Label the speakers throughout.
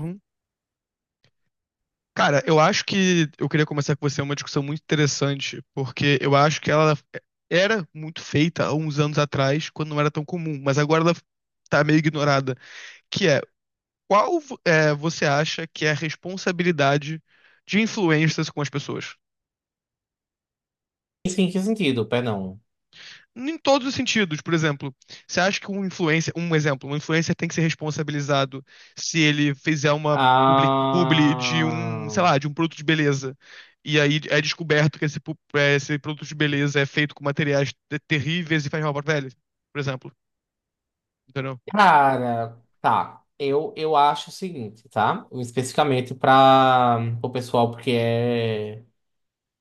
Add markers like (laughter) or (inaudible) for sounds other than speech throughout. Speaker 1: Uhum. Cara, eu acho que eu queria começar com você é uma discussão muito interessante, porque eu acho que ela era muito feita há uns anos atrás, quando não era tão comum, mas agora ela tá meio ignorada, que é você acha que é a responsabilidade de influencers com as pessoas?
Speaker 2: Isso em que sentido? Perdão.
Speaker 1: Em todos os sentidos, por exemplo, você acha que um influencer, um exemplo, um influencer tem que ser responsabilizado se ele fizer uma publi de um, sei
Speaker 2: Ah,
Speaker 1: lá, de um produto de beleza, e aí é descoberto que esse produto de beleza é feito com materiais terríveis e faz mal para a pele, por exemplo, entendeu?
Speaker 2: cara, tá. Eu acho o seguinte, tá? Especificamente para o pessoal, porque é,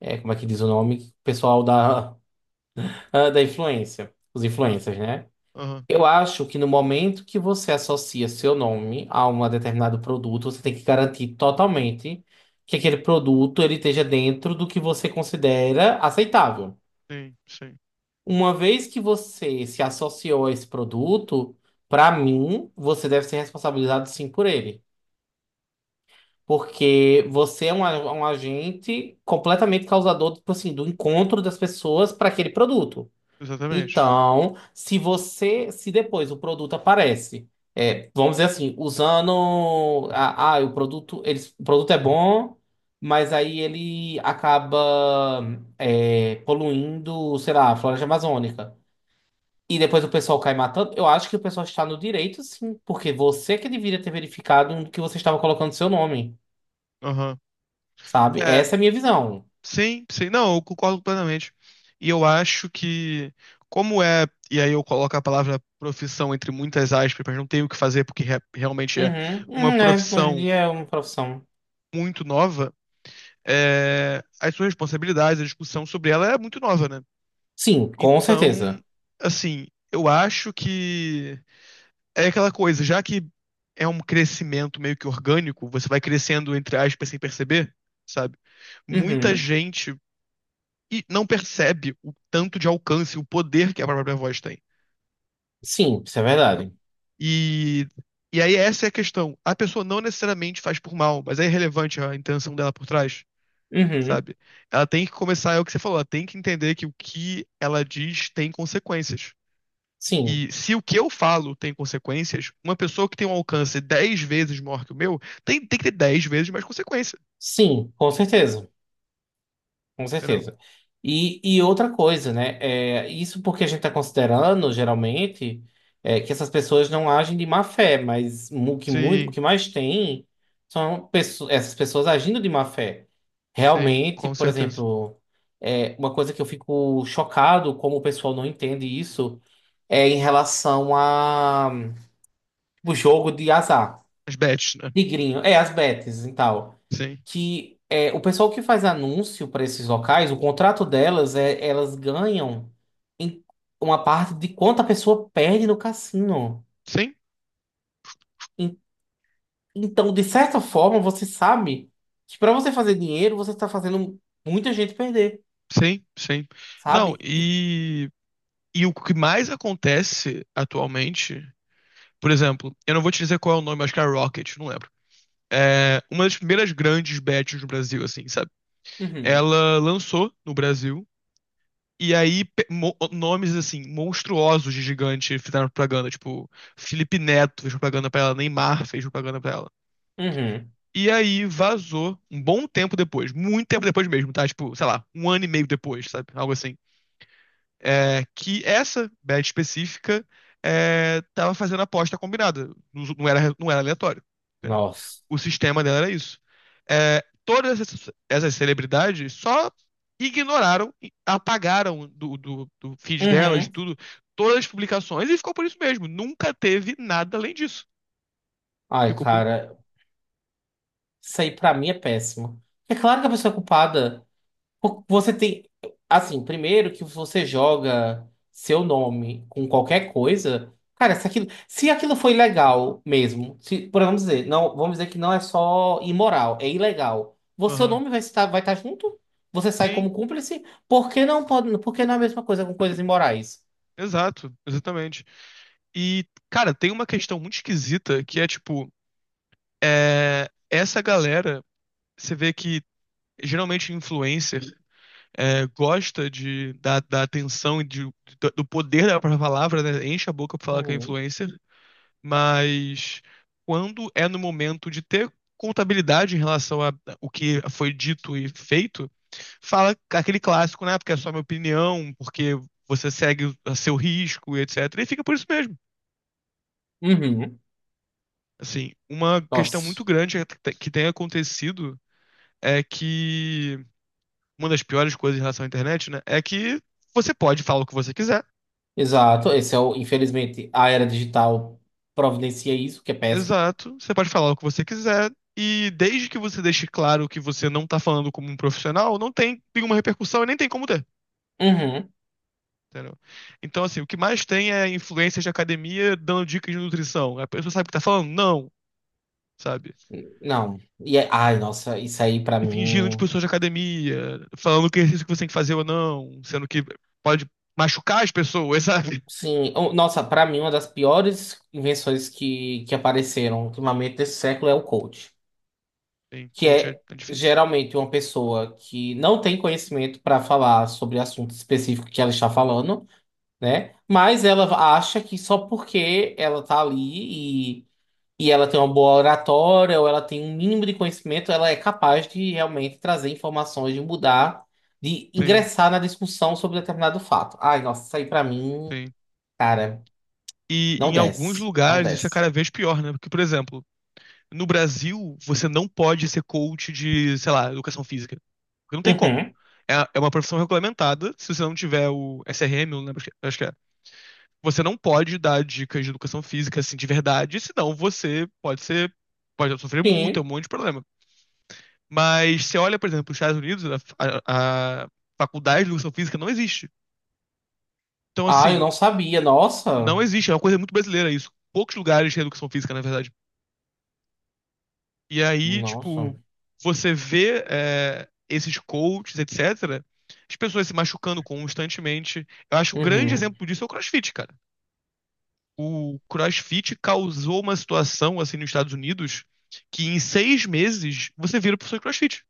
Speaker 2: é. Como é que diz o nome? Pessoal da, (laughs) da influência. Os
Speaker 1: Ah.
Speaker 2: influencers, né?
Speaker 1: Aham.
Speaker 2: Eu acho que no momento que você associa seu nome a um determinado produto, você tem que garantir totalmente que aquele produto ele esteja dentro do que você considera aceitável.
Speaker 1: Sim, sim,
Speaker 2: Uma vez que você se associou a esse produto, para mim, você deve ser responsabilizado sim por ele. Porque você é um agente completamente causador, tipo assim, do encontro das pessoas para aquele produto.
Speaker 1: exatamente.
Speaker 2: Então, se você, se depois o produto aparece, vamos dizer assim, usando, o produto, eles, o produto é bom, mas aí ele acaba, poluindo, sei lá, a floresta amazônica. E depois o pessoal cai matando. Eu acho que o pessoal está no direito, sim, porque você que deveria ter verificado no que você estava colocando seu nome,
Speaker 1: Aham.
Speaker 2: sabe? Essa é a minha visão.
Speaker 1: Sim, sim, não, eu concordo plenamente. E eu acho que, como é, e aí eu coloco a palavra profissão entre muitas aspas, mas não tenho o que fazer porque realmente é
Speaker 2: Uhum,
Speaker 1: uma
Speaker 2: uhum, é, hoje em
Speaker 1: profissão
Speaker 2: dia é uma profissão.
Speaker 1: muito nova, é, as suas responsabilidades, a discussão sobre ela é muito nova, né?
Speaker 2: Sim, com
Speaker 1: Então,
Speaker 2: certeza.
Speaker 1: assim, eu acho que é aquela coisa, já que é um crescimento meio que orgânico, você vai crescendo entre aspas sem perceber, sabe? Muita
Speaker 2: Uhum,
Speaker 1: gente. E não percebe o tanto de alcance, o poder que a própria voz tem.
Speaker 2: sim, isso é
Speaker 1: Entendeu?
Speaker 2: verdade.
Speaker 1: E, e aí essa é a questão. A pessoa não necessariamente faz por mal, mas é irrelevante a intenção dela por trás,
Speaker 2: Uhum,
Speaker 1: sabe? Ela tem que começar, é o que você falou, ela tem que entender que o que ela diz tem consequências.
Speaker 2: sim,
Speaker 1: E se o que eu falo tem consequências, uma pessoa que tem um alcance 10 vezes maior que o meu tem que ter 10 vezes mais consequência,
Speaker 2: sim, com certeza. Com
Speaker 1: entendeu?
Speaker 2: certeza. E outra coisa, né? Isso porque a gente está considerando, geralmente, que essas pessoas não agem de má fé, mas o
Speaker 1: Sim,
Speaker 2: que mais tem são essas pessoas agindo de má fé.
Speaker 1: sim,
Speaker 2: Realmente,
Speaker 1: com
Speaker 2: por
Speaker 1: certeza.
Speaker 2: exemplo, uma coisa que eu fico chocado como o pessoal não entende isso é em relação a o jogo de azar.
Speaker 1: As bets, né?
Speaker 2: Tigrinho, as bets e tal.
Speaker 1: Sim.
Speaker 2: Que é, o pessoal que faz anúncio para esses locais, o contrato delas é elas ganham em uma parte de quanto a pessoa perde no cassino.
Speaker 1: Sim.
Speaker 2: En- Então, de certa forma, você sabe que para você fazer dinheiro, você está fazendo muita gente perder,
Speaker 1: Sim, sim. Não,
Speaker 2: sabe? E...
Speaker 1: e o que mais acontece atualmente, por exemplo, eu não vou te dizer qual é o nome, acho que é Rocket, não lembro. É uma das primeiras grandes bets no Brasil, assim, sabe?
Speaker 2: Uhum,
Speaker 1: Ela lançou no Brasil, e aí nomes, assim, monstruosos de gigante fizeram propaganda, tipo, Felipe Neto fez propaganda pra ela, Neymar fez propaganda pra ela.
Speaker 2: uhum.
Speaker 1: E aí vazou um bom tempo depois, muito tempo depois mesmo, tá? Tipo, sei lá, um ano e meio depois, sabe? Algo assim. Que essa bet específica tava fazendo aposta combinada, não era aleatório, entendeu?
Speaker 2: Nossa.
Speaker 1: O sistema dela era isso. É, todas essas, essas celebridades só ignoraram, e apagaram do, do, do feed delas, de
Speaker 2: Uhum.
Speaker 1: tudo, todas as publicações e ficou por isso mesmo. Nunca teve nada além disso.
Speaker 2: Ai,
Speaker 1: Ficou por isso
Speaker 2: cara, isso aí pra mim é péssimo. É claro que a pessoa é culpada.
Speaker 1: mesmo.
Speaker 2: Porque você tem. Assim, primeiro que você joga seu nome com qualquer coisa. Cara, se aquilo, se aquilo foi legal mesmo, se, por vamos dizer, não, vamos dizer que não é só imoral, é ilegal. Você, seu
Speaker 1: Aham.
Speaker 2: nome vai estar junto? Você sai
Speaker 1: Sim.
Speaker 2: como cúmplice? Por que não pode, por que não é a mesma coisa com coisas imorais?
Speaker 1: Exato, exatamente. E, cara, tem uma questão muito esquisita que é tipo, é, essa galera, você vê que geralmente influencer gosta de, da, da atenção e de, do poder da própria palavra, né? Enche a boca pra falar que é
Speaker 2: Uhum.
Speaker 1: influencer, mas quando é no momento de ter contabilidade em relação a o que foi dito e feito, fala aquele clássico, né? Porque é só minha opinião, porque você segue a seu risco, etc. E fica por isso mesmo.
Speaker 2: Uhum.
Speaker 1: Assim, uma questão muito
Speaker 2: Nossa.
Speaker 1: grande que tem acontecido é que uma das piores coisas em relação à internet, né, é que você pode falar o que você quiser.
Speaker 2: Exato. Esse é o, infelizmente, a era digital providencia isso, que é péssimo.
Speaker 1: Exato, você pode falar o que você quiser e desde que você deixe claro que você não tá falando como um profissional, não tem nenhuma repercussão e nem tem como ter.
Speaker 2: Uhum.
Speaker 1: Entendeu? Então, assim, o que mais tem é influências de academia dando dicas de nutrição. A pessoa sabe o que tá falando? Não, sabe?
Speaker 2: Não. Ai, nossa, isso aí pra
Speaker 1: E fingindo de
Speaker 2: mim.
Speaker 1: pessoas de academia, falando que exercício que você tem que fazer ou não, sendo que pode machucar as pessoas, sabe?
Speaker 2: Sim, nossa, pra mim uma das piores invenções que apareceram ultimamente nesse século é o coach,
Speaker 1: Sim,
Speaker 2: que
Speaker 1: coach é,
Speaker 2: é
Speaker 1: é difícil.
Speaker 2: geralmente uma pessoa que não tem conhecimento para falar sobre assunto específico que ela está falando, né? Mas ela acha que só porque ela tá ali e ela tem uma boa oratória ou ela tem um mínimo de conhecimento, ela é capaz de realmente trazer informações, de mudar, de
Speaker 1: Sim,
Speaker 2: ingressar na discussão sobre determinado fato. Ai, nossa, isso aí pra mim,
Speaker 1: sim.
Speaker 2: cara.
Speaker 1: E
Speaker 2: Não
Speaker 1: em alguns
Speaker 2: desce. Não
Speaker 1: lugares isso é
Speaker 2: desce.
Speaker 1: cada vez pior, né? Porque, por exemplo, no Brasil você não pode ser coach de, sei lá, educação física. Porque não tem como.
Speaker 2: Uhum.
Speaker 1: É, é uma profissão regulamentada, se você não tiver o SRM, não lembro, acho que é. Você não pode dar dicas de educação física, assim, de verdade, senão você pode ser, pode sofrer multa, um
Speaker 2: Sim.
Speaker 1: monte de problema. Mas você olha, por exemplo, os Estados Unidos, a faculdade de educação física não existe. Então,
Speaker 2: Ah, eu
Speaker 1: assim,
Speaker 2: não sabia. Nossa.
Speaker 1: não existe. É uma coisa muito brasileira isso. Poucos lugares têm educação física, na verdade. E aí,
Speaker 2: Nossa.
Speaker 1: tipo, você vê é, esses coaches, etc., as pessoas se machucando constantemente. Eu acho que o grande
Speaker 2: Uhum.
Speaker 1: exemplo disso é o CrossFit, cara. O CrossFit causou uma situação, assim, nos Estados Unidos, que em 6 meses você vira professor de CrossFit.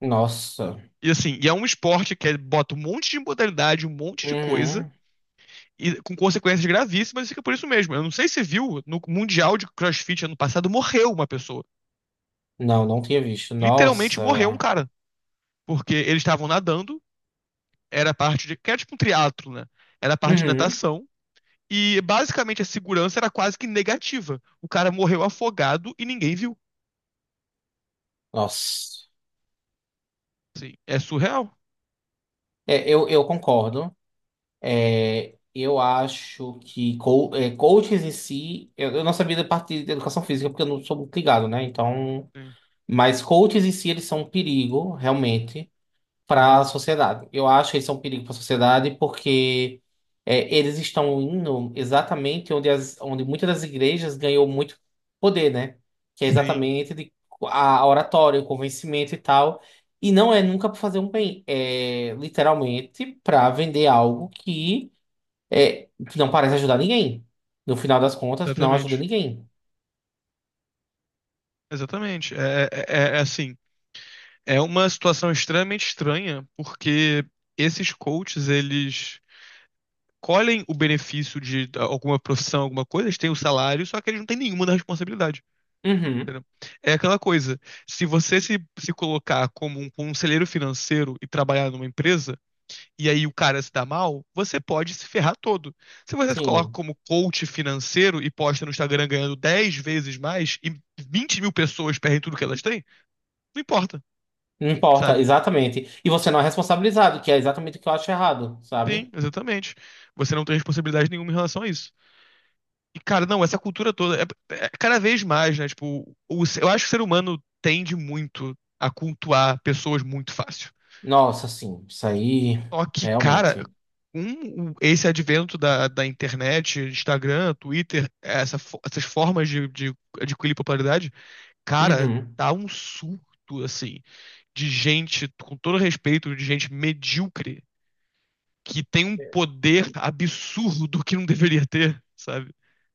Speaker 2: Nossa.
Speaker 1: E assim, e é um esporte que é- bota um monte de modalidade, um monte de coisa,
Speaker 2: Uhum.
Speaker 1: e com consequências gravíssimas, fica por isso mesmo. Eu não sei se você viu, no Mundial de CrossFit ano passado morreu uma pessoa.
Speaker 2: Não, não tinha visto.
Speaker 1: Literalmente
Speaker 2: Nossa.
Speaker 1: morreu um cara, porque eles estavam nadando, era parte de, que era tipo um triatlo, né? Era parte de
Speaker 2: Uhum.
Speaker 1: natação e basicamente a segurança era quase que negativa. O cara morreu afogado e ninguém viu.
Speaker 2: Nossa.
Speaker 1: Sim, é surreal.
Speaker 2: É, eu concordo. É, eu acho que coaches em si. Eu não sabia da parte de educação física, porque eu não sou muito ligado, né? Então.
Speaker 1: Sim,
Speaker 2: Mas coaches em si, eles são um perigo, realmente. Para
Speaker 1: aham.
Speaker 2: a sociedade. Eu acho que eles são um perigo para a sociedade porque eles estão indo exatamente onde, as, onde muitas das igrejas ganhou muito poder, né? Que é
Speaker 1: Sim,
Speaker 2: exatamente de, a oratória, o convencimento e tal. E não é nunca para fazer um bem, é literalmente para vender algo que, é, que não parece ajudar ninguém. No final das contas, não ajuda
Speaker 1: exatamente.
Speaker 2: ninguém.
Speaker 1: Exatamente. É assim, é uma situação extremamente estranha, porque esses coaches, eles colhem o benefício de ah, alguma profissão, alguma coisa, eles têm o salário, só que eles não têm nenhuma da responsabilidade.
Speaker 2: Uhum.
Speaker 1: É aquela coisa, se você se, se colocar como um conselheiro financeiro e trabalhar numa empresa, e aí o cara se dá mal, você pode se ferrar todo. Se você se coloca
Speaker 2: Sim.
Speaker 1: como coach financeiro e posta no Instagram ganhando 10 vezes mais e 20 mil pessoas perdem tudo que elas têm, não importa,
Speaker 2: Não importa,
Speaker 1: sabe?
Speaker 2: exatamente. E você não é responsabilizado, que é exatamente o que eu acho errado,
Speaker 1: Sim,
Speaker 2: sabe?
Speaker 1: exatamente. Você não tem responsabilidade nenhuma em relação a isso. E, cara, não, essa cultura toda é cada vez mais, né? Tipo, o, eu acho que o ser humano tende muito a cultuar pessoas muito fácil.
Speaker 2: Nossa, sim, isso aí
Speaker 1: Só que, cara,
Speaker 2: realmente.
Speaker 1: esse advento da internet, Instagram, Twitter, essas formas de adquirir popularidade, cara,
Speaker 2: Uhum.
Speaker 1: tá um surto, assim, de gente, com todo respeito, de gente medíocre, que tem um poder absurdo que não deveria ter, sabe?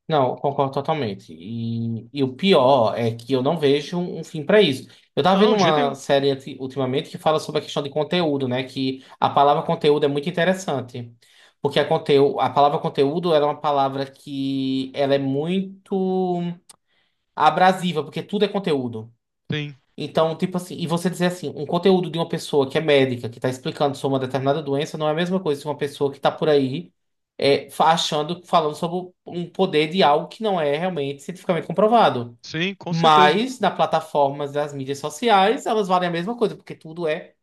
Speaker 2: Não, concordo totalmente. E o pior é que eu não vejo um fim para isso. Eu tava vendo
Speaker 1: Não, de jeito
Speaker 2: uma
Speaker 1: nenhum.
Speaker 2: série ultimamente que fala sobre a questão de conteúdo, né? Que a palavra conteúdo é muito interessante. Porque a, a palavra conteúdo ela é uma palavra que ela é muito abrasiva, porque tudo é conteúdo.
Speaker 1: Tem.
Speaker 2: Então, tipo assim, e você dizer assim, um conteúdo de uma pessoa que é médica, que está explicando sobre uma determinada doença, não é a mesma coisa que uma pessoa que está por aí achando, falando sobre um poder de algo que não é realmente cientificamente comprovado.
Speaker 1: Sim, com certeza.
Speaker 2: Mas, nas plataformas das mídias sociais, elas valem a mesma coisa, porque tudo é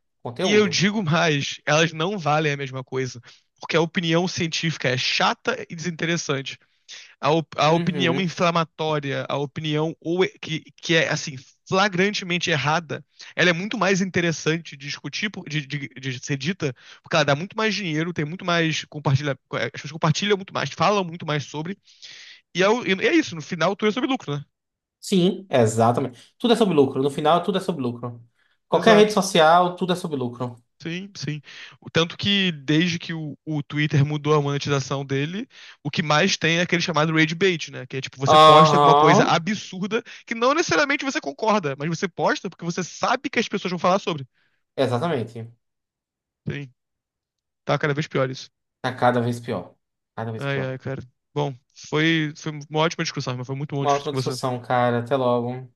Speaker 1: E eu
Speaker 2: conteúdo.
Speaker 1: digo mais, elas não valem a mesma coisa. Porque a opinião científica é chata e desinteressante. A opinião
Speaker 2: Uhum.
Speaker 1: inflamatória, a opinião que é assim, flagrantemente errada, ela é muito mais interessante de discutir, de ser dita, porque ela dá muito mais dinheiro, tem muito mais compartilha, as pessoas compartilham muito mais, falam muito mais sobre. E é, e é isso, no final tudo é sobre lucro, né?
Speaker 2: Sim, exatamente. Tudo é sobre lucro. No final, tudo é sobre lucro. Qualquer rede
Speaker 1: Exato.
Speaker 2: social, tudo é sobre lucro.
Speaker 1: Sim, sim. O tanto que desde que o Twitter mudou a monetização dele, o que mais tem é aquele chamado rage bait, né? Que é tipo, você posta alguma coisa
Speaker 2: Aham,
Speaker 1: absurda que não necessariamente você concorda, mas você posta porque você sabe que as pessoas vão falar sobre.
Speaker 2: exatamente.
Speaker 1: Sim, tá cada vez pior isso.
Speaker 2: Tá cada vez pior. Cada vez
Speaker 1: Ai,
Speaker 2: pior.
Speaker 1: ai, cara. Bom, foi uma ótima discussão, mas foi muito bom
Speaker 2: Uma
Speaker 1: discutir
Speaker 2: ótima
Speaker 1: com você.
Speaker 2: discussão, cara. Até logo.